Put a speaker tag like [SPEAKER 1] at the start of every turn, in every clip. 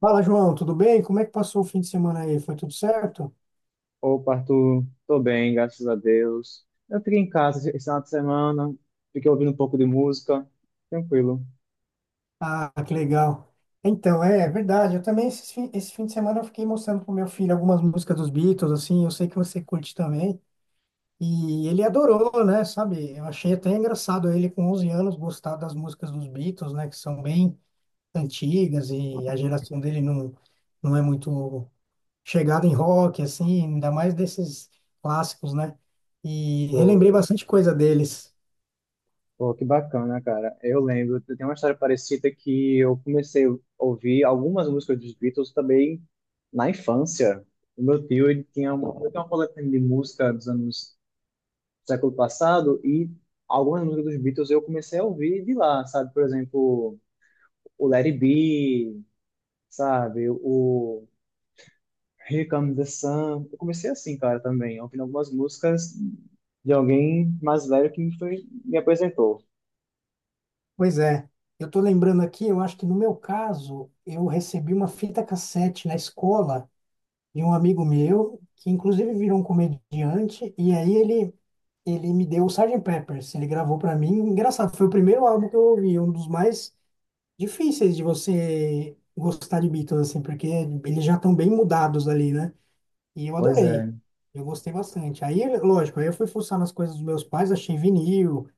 [SPEAKER 1] Fala, João, tudo bem? Como é que passou o fim de semana aí? Foi tudo certo?
[SPEAKER 2] Opa, Arthur, tô bem, graças a Deus. Eu fiquei em casa esse final de semana, fiquei ouvindo um pouco de música, tranquilo.
[SPEAKER 1] Ah, que legal. Então, é verdade. Eu também, esse fim de semana, eu fiquei mostrando pro meu filho algumas músicas dos Beatles, assim, eu sei que você curte também. E ele adorou, né? Sabe? Eu achei até engraçado ele, com 11 anos, gostar das músicas dos Beatles, né? Que são bem antigas e a geração dele não, não é muito chegada em rock, assim, ainda mais desses clássicos, né? E relembrei
[SPEAKER 2] Pô,
[SPEAKER 1] bastante coisa deles.
[SPEAKER 2] pô, que bacana, cara. Eu lembro, eu tenho uma história parecida que eu comecei a ouvir algumas músicas dos Beatles também na infância. O meu tio, ele tinha uma coletânea de música dos anos do século passado e algumas músicas dos Beatles eu comecei a ouvir de lá, sabe? Por exemplo, o Let It Be, sabe? O Here Comes the Sun. Eu comecei assim, cara, também, ouvindo algumas músicas de alguém mais velho me apresentou.
[SPEAKER 1] Pois é, eu estou lembrando aqui, eu acho que no meu caso, eu recebi uma fita cassete na escola de um amigo meu, que inclusive virou um comediante, e aí ele me deu o Sgt. Pepper's, ele gravou para mim. Engraçado, foi o primeiro álbum que eu ouvi, um dos mais difíceis de você gostar de Beatles, assim, porque eles já estão bem mudados ali, né? E eu
[SPEAKER 2] Pois
[SPEAKER 1] adorei,
[SPEAKER 2] é,
[SPEAKER 1] eu gostei bastante. Aí, lógico, aí eu fui fuçar nas coisas dos meus pais, achei vinil,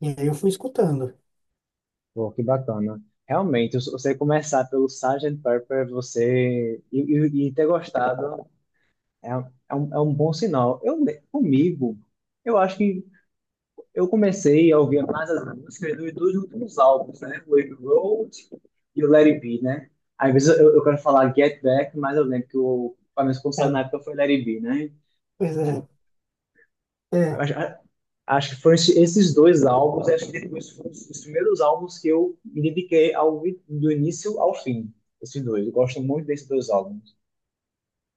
[SPEAKER 1] e aí eu fui escutando.
[SPEAKER 2] pô, que bacana. Realmente, se você começar pelo Sgt. Pepper, você e ter gostado é, é um bom sinal. Comigo, eu acho que eu comecei a ouvir mais as músicas dos dois últimos álbuns, né? O Abbey Road e o Let It Be, né? Às vezes eu quero falar Get Back, mas eu lembro que o, pelo menos quando saiu na
[SPEAKER 1] É,
[SPEAKER 2] época foi Let It Be, né?
[SPEAKER 1] pois é. É.
[SPEAKER 2] Acho, acho que foram esses dois álbuns, acho que depois foram os primeiros álbuns que eu me dediquei ao, ouvir do início ao fim. Esses dois, eu gosto muito desses dois álbuns.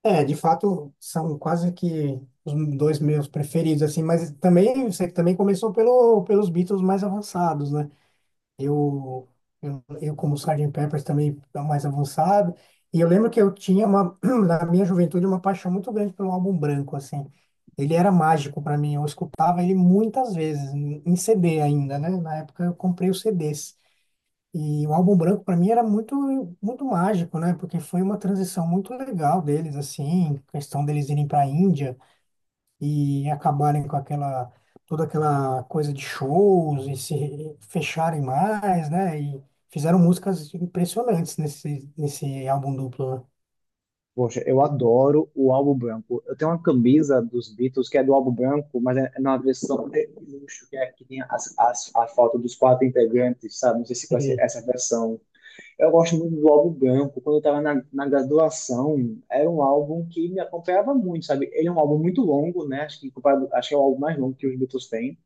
[SPEAKER 1] É, de fato, são quase que os dois meus preferidos, assim, mas também, você também começou pelos Beatles mais avançados, né? Eu, eu como Sgt. Pepper também é mais avançado, e eu lembro que eu tinha uma, na minha juventude, uma paixão muito grande pelo álbum branco, assim. Ele era mágico para mim, eu escutava ele muitas vezes, em CD ainda, né? Na época eu comprei os CDs. E o álbum branco para mim era muito muito mágico, né? Porque foi uma transição muito legal deles assim, questão deles irem para a Índia e acabarem com aquela toda aquela coisa de shows e se fecharem mais, né? E fizeram músicas impressionantes nesse álbum duplo,
[SPEAKER 2] Poxa, eu adoro o álbum branco. Eu tenho uma camisa dos Beatles que é do álbum branco, mas é na versão de luxo, que é que tem a foto dos quatro integrantes, sabe? Não sei se
[SPEAKER 1] né?
[SPEAKER 2] conhece essa versão. Eu gosto muito do álbum Branco. Quando eu estava na graduação, era um álbum que me acompanhava muito, sabe? Ele é um álbum muito longo, né? Acho que, comparado, acho que é o álbum mais longo que os Beatles têm.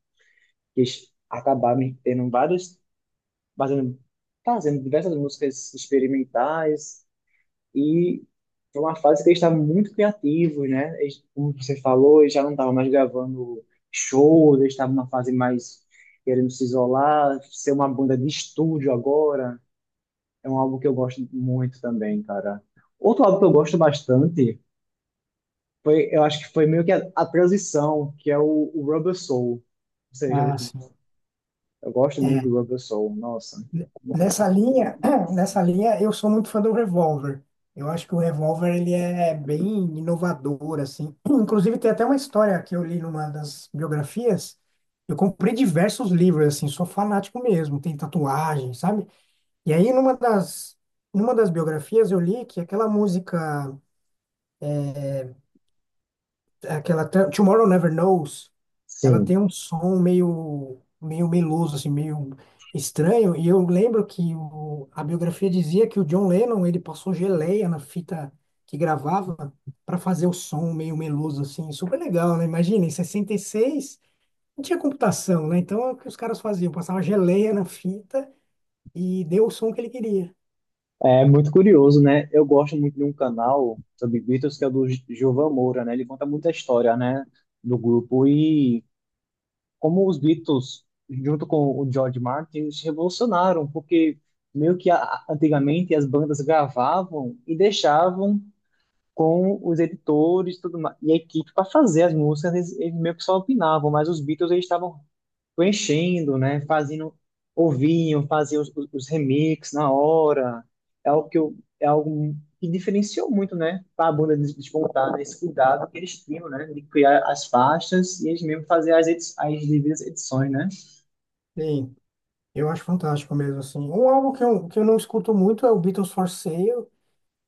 [SPEAKER 2] Que eles acabaram tendo vários, fazendo, fazendo diversas músicas experimentais. E foi uma fase que eles estavam muito criativos, né? Eles, como você falou, eles já não estavam mais gravando shows, eles estavam numa fase mais querendo se isolar, ser uma banda de estúdio agora, é um álbum que eu gosto muito também, cara. Outro álbum que eu gosto bastante foi, eu acho que foi meio que a transição, que é o Rubber Soul. Ou seja,
[SPEAKER 1] Ah, sim.
[SPEAKER 2] eu gosto muito
[SPEAKER 1] É,
[SPEAKER 2] do Rubber Soul, nossa. Muito-
[SPEAKER 1] nessa linha, nessa linha, eu sou muito fã do Revolver. Eu acho que o Revolver ele é bem inovador assim. Inclusive tem até uma história que eu li numa das biografias. Eu comprei diversos livros assim, sou fanático mesmo, tem tatuagem, sabe? E aí numa das biografias eu li que aquela música, é, aquela Tomorrow Never Knows. Ela tem
[SPEAKER 2] Sim,
[SPEAKER 1] um som meio meloso, assim, meio estranho. E eu lembro que a biografia dizia que o John Lennon, ele passou geleia na fita que gravava para fazer o som meio meloso, assim. Super legal, né? Imagina, em 66 não tinha computação, né? Então, é o que os caras faziam? Passava geleia na fita e deu o som que ele queria.
[SPEAKER 2] é muito curioso, né? Eu gosto muito de um canal sobre Beatles que é do Gilvan Moura, né? Ele conta muita história, né, do grupo e como os Beatles, junto com o George Martin, eles revolucionaram, porque meio que antigamente as bandas gravavam e deixavam com os editores tudo mais, e a equipe para fazer as músicas, eles meio que só opinavam, mas os Beatles eles estavam preenchendo, né? Fazendo, ouvindo, faziam os remixes na hora. É algo que diferenciou muito, né? Para a banda despontar, né? Esse cuidado que eles tinham, né? De criar as faixas e eles mesmo fazer as devidas edições, né?
[SPEAKER 1] Sim, eu acho fantástico mesmo, assim. Um álbum que que eu não escuto muito é o Beatles for Sale.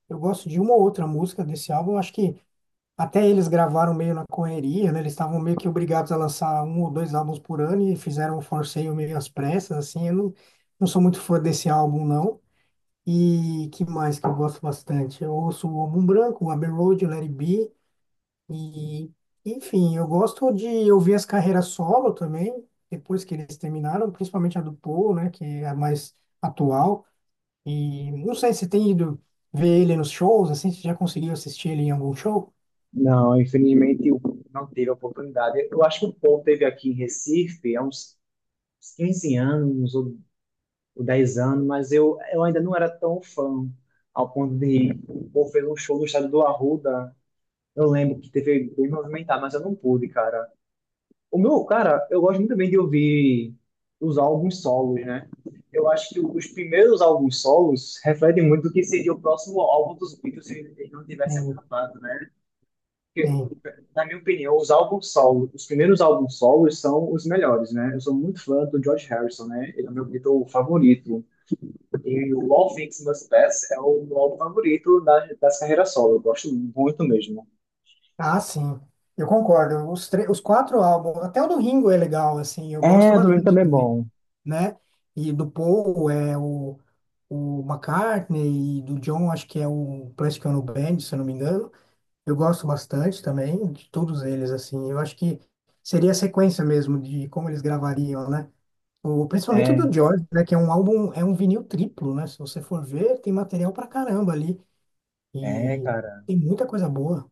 [SPEAKER 1] Eu gosto de uma ou outra música desse álbum. Eu acho que até eles gravaram meio na correria, né? Eles estavam meio que obrigados a lançar um ou dois álbuns por ano e fizeram um forceio meio às pressas, assim. Eu não sou muito fã desse álbum, não. E que mais que eu gosto bastante? Eu ouço o Álbum Branco, o Abbey Road, o Let It Be. E, enfim, eu gosto de ouvir as carreiras solo também, depois que eles terminaram, principalmente a do Paul, né? Que é a mais atual. E não sei se tem ido ver ele nos shows, assim, se já conseguiu assistir ele em algum show.
[SPEAKER 2] Não, infelizmente eu não teve a oportunidade. Eu acho que o Paul teve aqui em Recife há uns 15 anos ou 10 anos, mas eu ainda não era tão fã ao ponto de ir. O Paul fez um show no estádio do Arruda. Eu lembro que teve bem movimentado, mas eu não pude, cara. O meu, cara, eu gosto muito bem de ouvir os álbuns solos, né? Eu acho que os primeiros álbuns solos refletem muito o que seria o próximo álbum dos Beatles se eles não tivessem
[SPEAKER 1] Tem.
[SPEAKER 2] acabado, né? Porque,
[SPEAKER 1] Tem.
[SPEAKER 2] na minha opinião, os primeiros álbuns solos são os melhores, né? Eu sou muito fã do George Harrison, né? Ele é o meu Beatle favorito. E o All Things Must Pass é o meu álbum favorito das, das carreiras solo. Eu gosto muito mesmo.
[SPEAKER 1] Ah, sim. Eu concordo. Os quatro álbuns, até o do Ringo é legal, assim, eu gosto
[SPEAKER 2] É, do Domingo
[SPEAKER 1] bastante
[SPEAKER 2] também é
[SPEAKER 1] também,
[SPEAKER 2] bom.
[SPEAKER 1] né? E do Paul é o McCartney e do John, acho que é o Plastic Ono Band, se eu não me engano. Eu gosto bastante também de todos eles, assim. Eu acho que seria a sequência mesmo de como eles gravariam, né? Principalmente o
[SPEAKER 2] É,
[SPEAKER 1] do George, né? Que é um álbum, é um vinil triplo, né? Se você for ver, tem material pra caramba ali.
[SPEAKER 2] é,
[SPEAKER 1] E
[SPEAKER 2] cara.
[SPEAKER 1] tem muita coisa boa.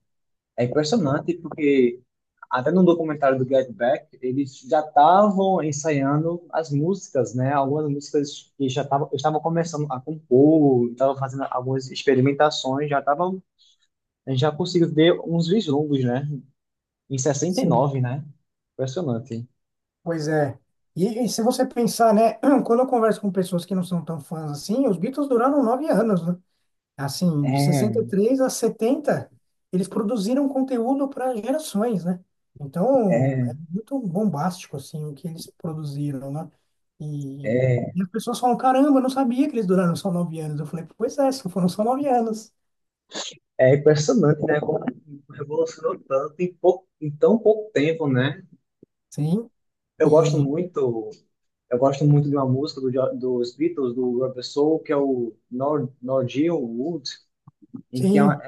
[SPEAKER 2] É impressionante porque até no documentário do Get Back, eles já estavam ensaiando as músicas, né? Algumas músicas que já estavam estavam começando a compor, estavam fazendo algumas experimentações, já estavam, a gente já conseguiu ver uns vislumbres, né? Em 69, né? Impressionante.
[SPEAKER 1] Pois é. E se você pensar, né, quando eu converso com pessoas que não são tão fãs assim, os Beatles duraram 9 anos, né? Assim, de sessenta e
[SPEAKER 2] É,
[SPEAKER 1] três a 70 eles produziram conteúdo para gerações, né? Então,
[SPEAKER 2] é,
[SPEAKER 1] é muito bombástico, assim, o que eles produziram, né? E,
[SPEAKER 2] é,
[SPEAKER 1] e as pessoas falam, caramba, eu não sabia que eles duraram só 9 anos. Eu falei, pois é, só foram só 9 anos.
[SPEAKER 2] é impressionante, né? Como revolucionou tanto em pouco, em tão pouco tempo, né?
[SPEAKER 1] Sim,
[SPEAKER 2] Eu gosto
[SPEAKER 1] e
[SPEAKER 2] muito Eu gosto muito de uma música do, dos Beatles, do Rubber Soul, que é o Norwegian Wood, em que é uma,
[SPEAKER 1] sim,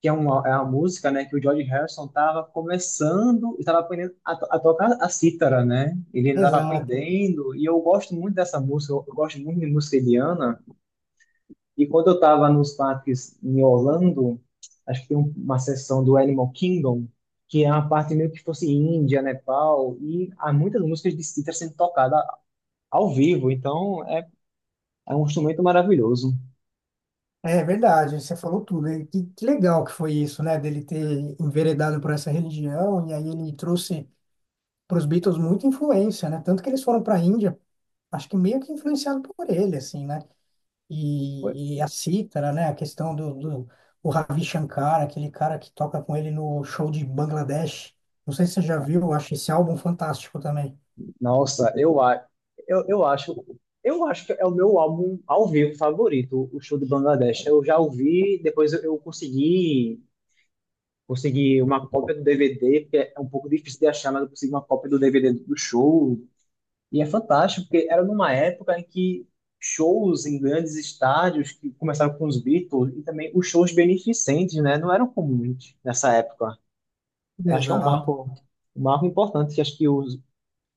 [SPEAKER 2] que é uma música, né, que o George Harrison estava começando, estava aprendendo a, a tocar a cítara, né? Ele ainda estava
[SPEAKER 1] exato.
[SPEAKER 2] aprendendo, e eu gosto muito dessa música, eu gosto muito de música indiana. E quando eu estava nos parques em Orlando, acho que tem uma sessão do Animal Kingdom, que é uma parte meio que fosse Índia, Nepal, e há muitas músicas de cítara sendo tocada ao vivo, então é um instrumento maravilhoso.
[SPEAKER 1] É verdade, você falou tudo. E que legal que foi isso, né? Dele ter enveredado por essa religião, e aí ele trouxe para os Beatles muita influência, né? Tanto que eles foram para a Índia, acho que meio que influenciado por ele, assim, né? E a cítara, né? A questão do o Ravi Shankar, aquele cara que toca com ele no show de Bangladesh. Não sei se você já viu, eu acho esse álbum fantástico também.
[SPEAKER 2] Nossa, eu, a- eu, eu acho. Eu acho que é o meu álbum ao vivo favorito, o show de Bangladesh. Eu já ouvi, depois eu consegui, consegui uma cópia do DVD, porque é um pouco difícil de achar, mas eu consegui uma cópia do DVD do show. E é fantástico, porque era numa época em que shows em grandes estádios, que começaram com os Beatles, e também os shows beneficentes, né, não eram comuns nessa época. Eu acho que é
[SPEAKER 1] Exato.
[SPEAKER 2] um marco importante, que acho que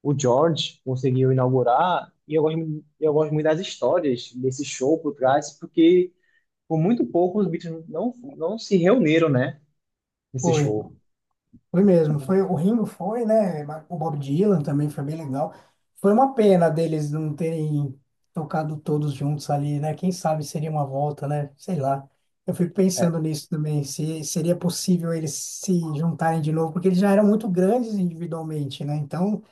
[SPEAKER 2] o George conseguiu inaugurar. E eu gosto, eu gosto muito das histórias desse show por trás, porque por muito pouco os Beatles não se reuniram, né? Nesse
[SPEAKER 1] Foi.
[SPEAKER 2] show.
[SPEAKER 1] Foi mesmo, foi o Ringo, foi, né? O Bob Dylan também foi bem legal. Foi uma pena deles não terem tocado todos juntos ali, né? Quem sabe seria uma volta, né? Sei lá. Eu fico pensando nisso também, se seria possível eles se juntarem de novo, porque eles já eram muito grandes individualmente, né? Então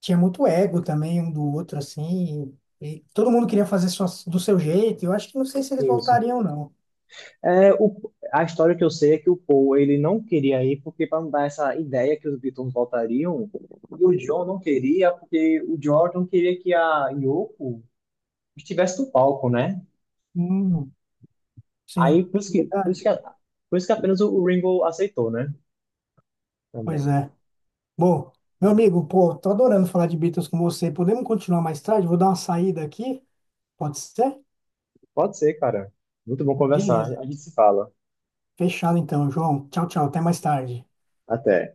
[SPEAKER 1] tinha muito ego também um do outro, assim, e todo mundo queria fazer sua, do seu jeito. Eu acho que não sei se eles
[SPEAKER 2] Isso.
[SPEAKER 1] voltariam, não.
[SPEAKER 2] A história que eu sei é que o Paul ele não queria ir porque para não dar essa ideia que os Beatles voltariam, e o John não queria porque o George não queria que a Yoko estivesse no palco, né?
[SPEAKER 1] Hum, sim,
[SPEAKER 2] Aí por isso
[SPEAKER 1] é
[SPEAKER 2] que, por isso que,
[SPEAKER 1] verdade.
[SPEAKER 2] por isso que apenas o Ringo aceitou, né?
[SPEAKER 1] Pois
[SPEAKER 2] Também.
[SPEAKER 1] é. Bom, meu amigo, pô, tô adorando falar de Beatles com você. Podemos continuar mais tarde? Vou dar uma saída aqui. Pode ser?
[SPEAKER 2] Pode ser, cara. Muito bom conversar.
[SPEAKER 1] Beleza.
[SPEAKER 2] A gente se fala.
[SPEAKER 1] Fechado então, João. Tchau, tchau. Até mais tarde.
[SPEAKER 2] Até.